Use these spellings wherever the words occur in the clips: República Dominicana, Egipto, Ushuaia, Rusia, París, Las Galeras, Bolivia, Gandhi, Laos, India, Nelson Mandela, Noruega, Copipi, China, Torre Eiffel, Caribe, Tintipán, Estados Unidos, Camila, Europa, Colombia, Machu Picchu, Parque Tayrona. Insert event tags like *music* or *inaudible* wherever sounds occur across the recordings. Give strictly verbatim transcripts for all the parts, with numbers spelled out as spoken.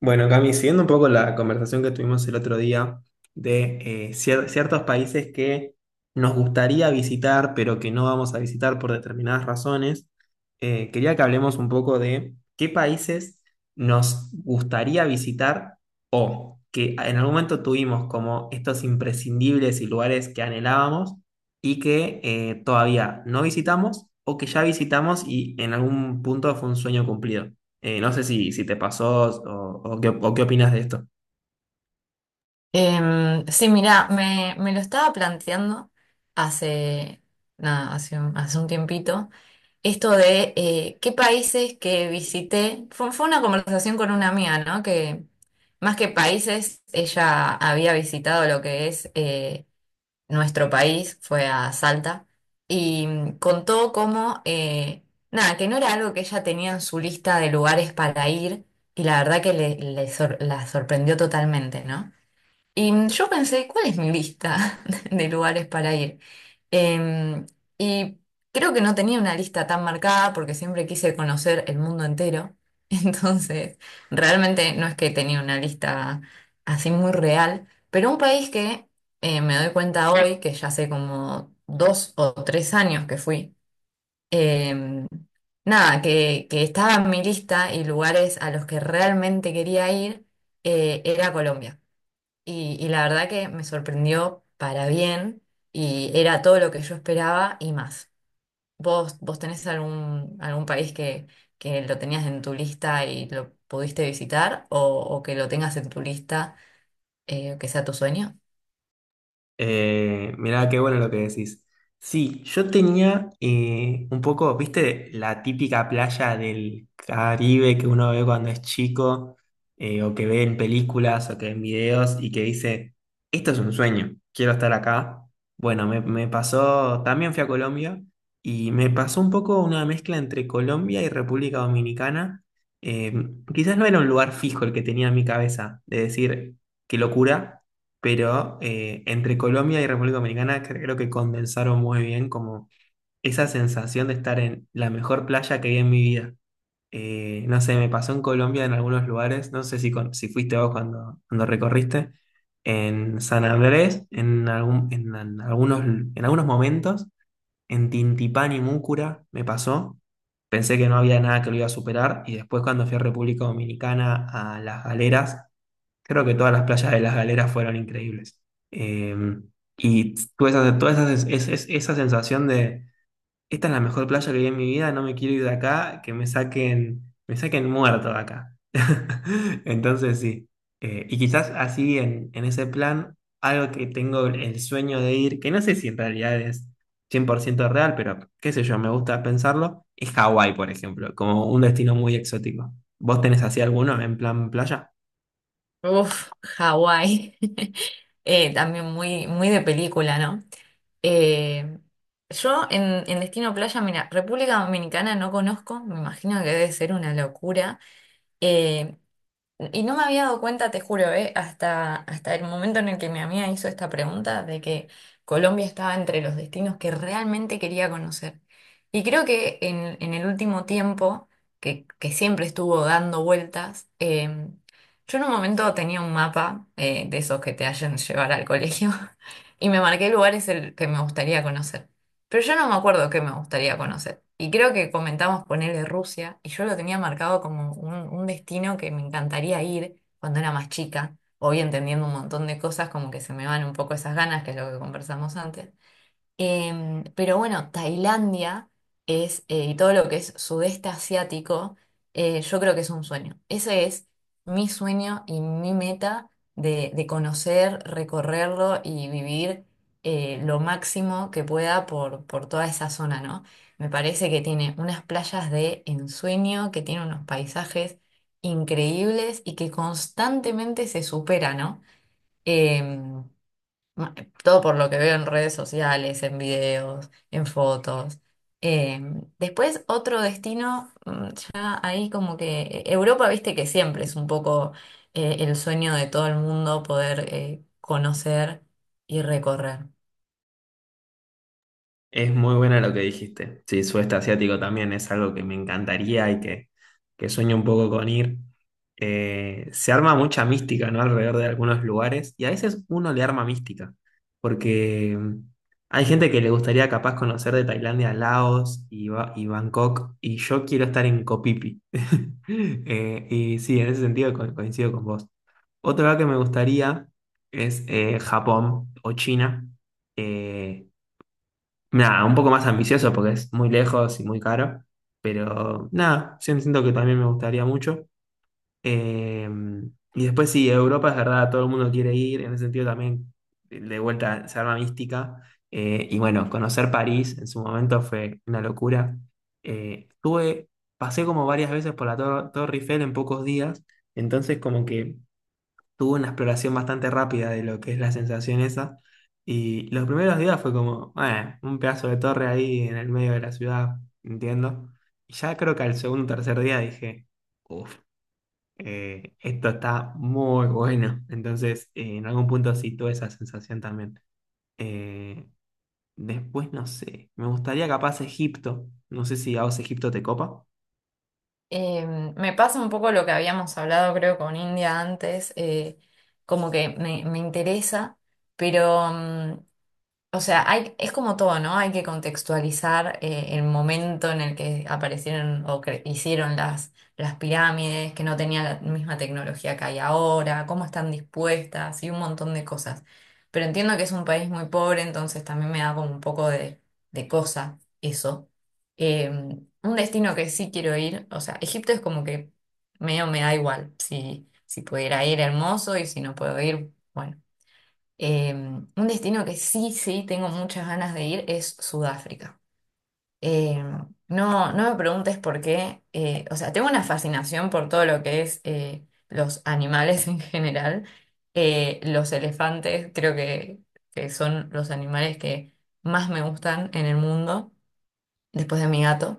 Bueno, Cami, siguiendo un poco la conversación que tuvimos el otro día de eh, cier- ciertos países que nos gustaría visitar, pero que no vamos a visitar por determinadas razones. Eh, quería que hablemos un poco de qué países nos gustaría visitar o que en algún momento tuvimos como estos imprescindibles y lugares que anhelábamos y que eh, todavía no visitamos o que ya visitamos y en algún punto fue un sueño cumplido. Eh, no sé si, si te pasó o, o qué, o qué opinas de esto. Em, sí, mira, me, me lo estaba planteando hace, nada, hace un, hace un tiempito. Esto de eh, qué países que visité, fue, fue una conversación con una amiga, ¿no? Que más que países, ella había visitado lo que es eh, nuestro país, fue a Salta, y mm, contó cómo, eh, nada, que no era algo que ella tenía en su lista de lugares para ir, y la verdad que le, le sor- la sorprendió totalmente, ¿no? Y yo pensé, ¿cuál es mi lista *laughs* de lugares para ir? Em, y creo que no tenía una lista tan marcada porque siempre quise conocer el mundo entero. *laughs* Entonces, realmente no es que tenía una lista así muy real, pero un país que eh, me doy cuenta hoy, que ya hace como dos o tres años que fui, em, nada, que, que estaba en mi lista y lugares a los que realmente quería ir, eh, era Colombia. Y, y la verdad que me sorprendió para bien y era todo lo que yo esperaba y más. ¿Vos, vos tenés algún, algún país que, que lo tenías en tu lista y lo pudiste visitar o, o que lo tengas en tu lista eh, que sea tu sueño? Eh, mirá, qué bueno lo que decís. Sí, yo tenía eh, un poco, viste, la típica playa del Caribe que uno ve cuando es chico, eh, o que ve en películas o que ve en videos y que dice, esto es un sueño, quiero estar acá. Bueno, me, me pasó, también fui a Colombia y me pasó un poco una mezcla entre Colombia y República Dominicana. Eh, Quizás no era un lugar fijo el que tenía en mi cabeza, de decir, qué locura, pero eh, entre Colombia y República Dominicana creo que condensaron muy bien como esa sensación de estar en la mejor playa que vi en mi vida. Eh, no sé, me pasó en Colombia en algunos lugares, no sé si, con- si fuiste vos cuando, cuando recorriste, en San Andrés, en, algún- en, en algunos, en algunos momentos, en Tintipán y Múcura me pasó. Pensé que no había nada que lo iba a superar y después cuando fui a República Dominicana a Las Galeras. Creo que todas las playas de las Galeras fueron increíbles. Eh, y tuve esa, toda esa, es- es- esa sensación de, esta es la mejor playa que vi en mi vida, no me quiero ir de acá, que me saquen, me saquen muerto de acá. *laughs* Entonces sí. Eh, y quizás así en, en ese plan, algo que tengo el sueño de ir, que no sé si en realidad es cien por ciento real, pero qué sé yo, me gusta pensarlo, es Hawái, por ejemplo, como un destino muy exótico. ¿Vos tenés así alguno en plan playa? Uf, Hawái. *laughs* Eh, también muy, muy de película, ¿no? Eh, yo en, en Destino Playa, mira, República Dominicana no conozco, me imagino que debe ser una locura. Eh, Y no me había dado cuenta, te juro, eh, hasta, hasta el momento en el que mi amiga hizo esta pregunta de que Colombia estaba entre los destinos que realmente quería conocer. Y creo que en, en el último tiempo, que, que siempre estuvo dando vueltas, eh, yo en un momento tenía un mapa eh, de esos que te hacen llevar al colegio *laughs* y me marqué lugares el que me gustaría conocer. Pero yo no me acuerdo qué me gustaría conocer. Y creo que comentamos ponerle Rusia, y yo lo tenía marcado como un, un destino que me encantaría ir cuando era más chica. Hoy entendiendo un montón de cosas, como que se me van un poco esas ganas, que es lo que conversamos antes. Em, pero bueno, Tailandia es, eh, y todo lo que es sudeste asiático, eh, yo creo que es un sueño. Ese es mi sueño y mi meta de, de conocer, recorrerlo y vivir eh, lo máximo que pueda por, por toda esa zona, ¿no? Me parece que tiene unas playas de ensueño, que tiene unos paisajes increíbles y que constantemente se supera, ¿no? Em, Ma- Todo por lo que veo en redes sociales, en videos, en fotos. Eh, después otro destino, mm, ya ahí como que eh, Europa, viste que siempre es un poco eh, el sueño de todo el mundo poder eh, conocer y recorrer. Es muy buena lo que dijiste. Sí, sudeste asiático también es algo que me encantaría y que, que sueño un poco con ir. Eh, se arma mucha mística, ¿no? Alrededor de algunos lugares y a veces uno le arma mística, porque mm, hay gente que le gustaría capaz conocer de Tailandia a Laos y, Ba- y Bangkok, y yo quiero estar en Copipi. *laughs* Eh, y sí, en ese sentido co- coincido con vos. Otro lugar que me gustaría es eh, Japón o China. Eh, Nada, un poco más ambicioso porque es muy lejos y muy caro, pero nada, sí siento que también me gustaría mucho. Eh, y después sí, Europa es verdad, todo el mundo quiere ir, en ese sentido también de vuelta se arma mística. Eh, y bueno, conocer París en su momento fue una locura. Eh, estuve- Pasé como varias veces por la Tor- Torre Eiffel en pocos días, entonces como que tuvo una exploración bastante rápida de lo que es la sensación esa. Y los primeros días fue como, bueno, un pedazo de torre ahí en el medio de la ciudad, entiendo. Y ya creo que al segundo o tercer día dije, uff, esto está muy bueno. Entonces, eh, en algún punto sí tuve esa sensación también. Eh, Después, no sé, me gustaría capaz Egipto. No sé si a vos Egipto te copa. Eh, me pasa un poco lo que habíamos hablado creo con India antes, eh, como que me, me interesa, pero... mm, o sea, hay, es como todo, ¿no? Hay que contextualizar eh, el momento en el que aparecieron o cre- hicieron las, las pirámides, que no tenían la misma tecnología que hay ahora, cómo están dispuestas y un montón de cosas. Pero entiendo que es un país muy pobre, entonces también me da como un poco de, de cosa eso. Eh, un destino que sí quiero ir, o sea, Egipto es como que medio me da igual. Si, si pudiera ir, hermoso, y si no puedo ir, bueno. Eh, un destino que sí, sí, tengo muchas ganas de ir es Sudáfrica. Eh, no, no me preguntes por qué. eh, o sea, tengo una fascinación por todo lo que es eh, los animales *laughs* en general. Eh, los elefantes creo que, que son los animales que más me gustan en el mundo, después de mi gato.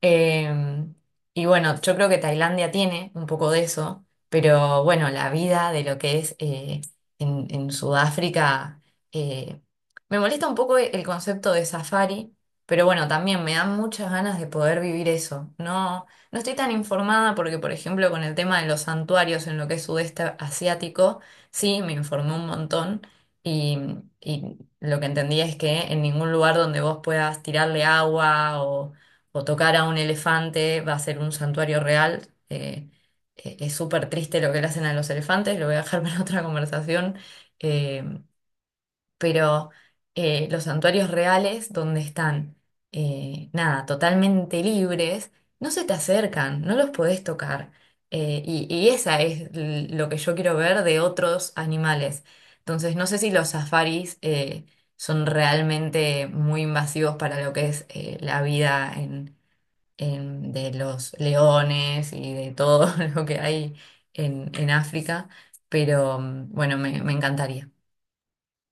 Eh, y bueno, yo creo que Tailandia tiene un poco de eso, pero bueno, la vida de lo que es eh, en, en Sudáfrica, eh, me molesta un poco el concepto de safari, pero bueno, también me dan muchas ganas de poder vivir eso. No, no estoy tan informada porque, por ejemplo, con el tema de los santuarios en lo que es sudeste asiático, sí, me informé un montón y, y lo que entendí es que en ningún lugar donde vos puedas tirarle agua o o tocar a un elefante va a ser un santuario real. eh, eh, es súper triste lo que le hacen a los elefantes, lo voy a dejar *laughs* para otra conversación. eh, pero eh, los santuarios reales, donde están, eh, nada, totalmente libres, no se te acercan, no los podés tocar. eh, y, y esa es l- lo que yo quiero ver de otros animales. Entonces, no sé si los safaris eh, son realmente muy invasivos para lo que es eh, la vida em, de los leones y de todo *laughs* lo que hay en, en África, pero mm, bueno, me, me encantaría.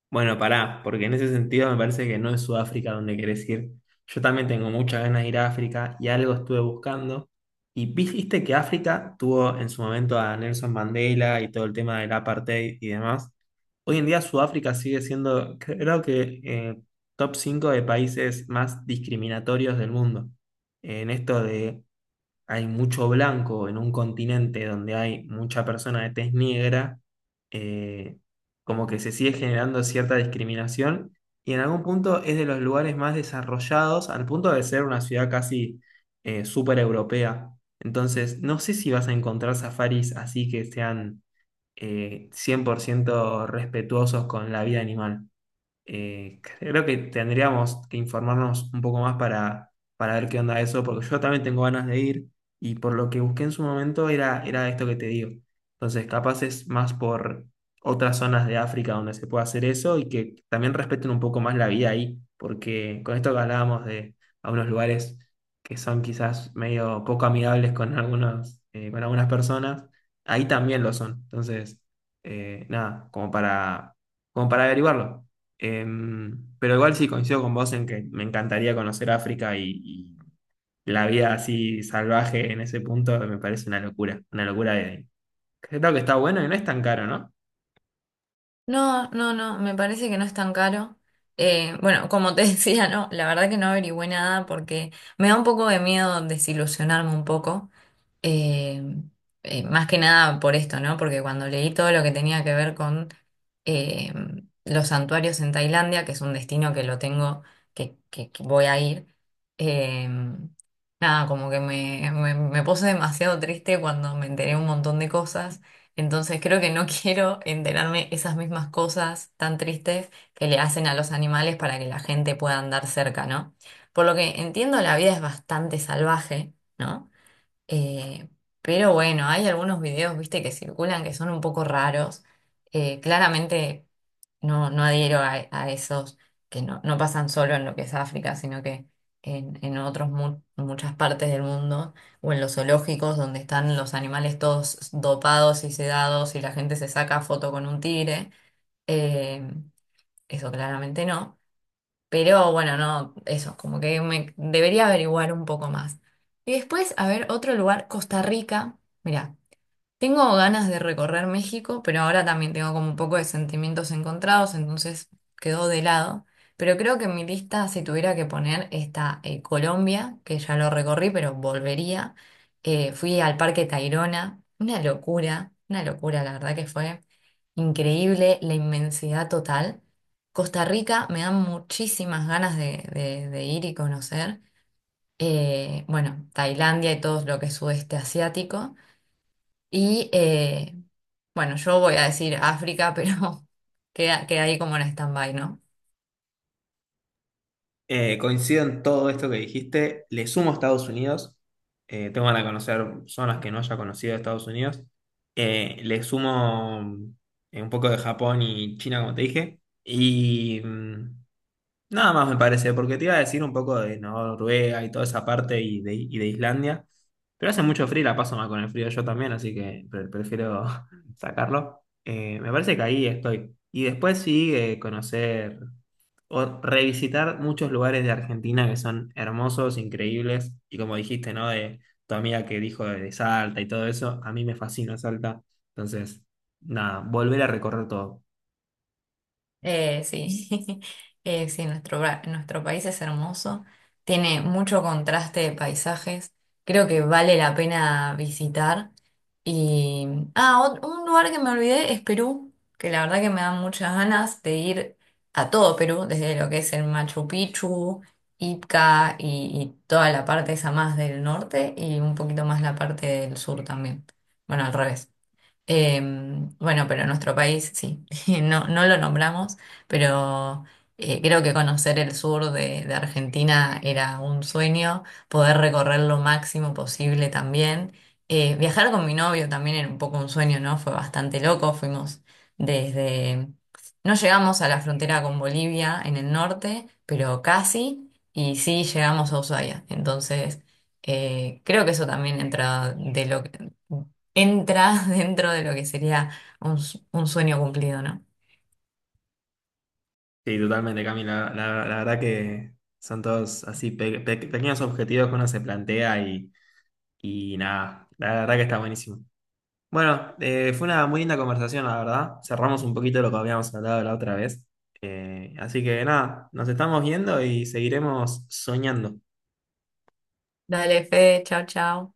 Bueno, pará, porque en ese sentido me parece que no es Sudáfrica donde querés ir. Yo también tengo muchas ganas de ir a África y algo estuve buscando. Y viste que África tuvo en su momento a Nelson Mandela y todo el tema del apartheid y demás. Hoy en día Sudáfrica sigue siendo, creo que, eh, top cinco de países más discriminatorios del mundo. En esto de hay mucho blanco en un continente donde hay mucha persona de tez negra, eh, como que se sigue generando cierta discriminación y en algún punto es de los lugares más desarrollados al punto de ser una ciudad casi eh, súper europea. Entonces, no sé si vas a encontrar safaris así que sean eh, cien por ciento respetuosos con la vida animal. Eh, creo que tendríamos que informarnos un poco más para, para ver qué onda eso, porque yo también tengo ganas de ir y por lo que busqué en su momento era, era esto que te digo. Entonces, capaz es más por otras zonas de África donde se puede hacer eso y que también respeten un poco más la vida ahí, porque con esto que hablábamos de algunos lugares que son quizás medio poco amigables con algunos, eh, con algunas personas, ahí también lo son. Entonces, eh, nada, como para, como para averiguarlo. Em, pero igual sí coincido con vos en que me encantaría conocer África y, y la vida así salvaje en ese punto me parece una locura, una locura de... Creo que está bueno y no es tan caro, ¿no? No, no, no, me parece que no es tan caro. Eh, bueno, como te *laughs* decía, no, la verdad que no averigüé nada porque me da un poco de miedo desilusionarme un poco. Eh, eh, más que nada por esto, ¿no? Porque cuando leí todo lo que tenía que ver con eh, los santuarios en Tailandia, que es un destino que lo tengo, que, que- que voy a ir, eh, nada, como que me, me, me puse demasiado triste cuando me enteré un montón de cosas. Entonces creo que no *laughs* quiero enterarme esas mismas cosas tan tristes que le hacen a los animales para que la gente pueda andar cerca, ¿no? Por lo que entiendo, la vida es bastante salvaje, ¿no? Eh, pero bueno, hay algunos videos, viste, que circulan que son un poco raros. Eh, claramente no, no adhiero a, a esos que no, no pasan solo en lo que es África, sino que en, en otros mu- muchas partes del mundo, o en los zoológicos donde están los animales todos dopados y sedados y la gente se saca foto con un tigre. Eh, eso claramente no. Pero bueno, no, eso, como que me debería averiguar un poco más. Y después, a ver, otro lugar, Costa Rica. Mirá, tengo ganas de recorrer México, pero ahora también tengo como un poco de sentimientos encontrados, entonces quedó de lado. Pero creo que en mi lista, si tuviera que poner, está eh, Colombia, que ya lo recorrí, pero volvería. Eh, fui al Parque Tayrona, una locura, una locura, la verdad que fue increíble la inmensidad total. Costa Rica me dan muchísimas ganas de, de- de ir y conocer. Eh, bueno, Tailandia y todo lo que es sudeste asiático. Y eh, bueno, yo voy a decir África, pero *laughs* queda, queda ahí como en stand-by, ¿no? Eh, coincido en todo esto que dijiste, le sumo a Estados Unidos, eh, tengo ganas de conocer zonas que no haya conocido de Estados Unidos. Eh, le sumo eh, un poco de Japón y China, como te dije, y... nada más me parece, porque te iba a decir un poco de ¿no? Noruega y toda esa parte y de, y de Islandia, pero hace mucho frío, y la paso mal con el frío yo también, así que pre- prefiero *laughs* sacarlo. Eh, me parece que ahí estoy. Y después sí eh, conocer o revisitar muchos lugares de Argentina que son hermosos, increíbles, y como dijiste, ¿no? De tu amiga que dijo de, de Salta y todo eso, a mí me fascina Salta, entonces, nada, volver a recorrer todo. Eh, sí, *laughs* Eh, sí, nuestro, bra- nuestro país es hermoso, tiene mucho contraste de paisajes, creo que vale la pena visitar. Y, ah, ot- un lugar que me olvidé es Perú, que la verdad que me dan muchas ganas de ir a todo Perú, desde lo que es el Machu Picchu, Ica y, y toda la parte esa más del norte y un poquito más la parte del sur también. Bueno, al revés. Eh, bueno, pero en nuestro país sí, *laughs* no, no lo nombramos, pero eh, creo que conocer el sur de, de Argentina era un sueño, poder recorrer lo máximo posible también. Eh, viajar con mi novio también era un poco un sueño, ¿no? Fue bastante loco, fuimos desde... No llegamos a la frontera con Bolivia en el norte, pero casi, y sí llegamos a Ushuaia. Entonces, eh, creo que eso también entra de lo que entra *laughs* dentro de lo que sería un, s- un sueño cumplido, ¿no? Sí, totalmente, Camila. La, la la verdad que son todos así pe- pe- pequeños objetivos que uno se plantea y, y nada, la verdad que está buenísimo. Bueno, eh, fue una muy linda conversación, la verdad. Cerramos un poquito lo que habíamos hablado la otra vez. Eh, así que nada, nos estamos viendo y seguiremos soñando. Dale, Fede, chao, chao.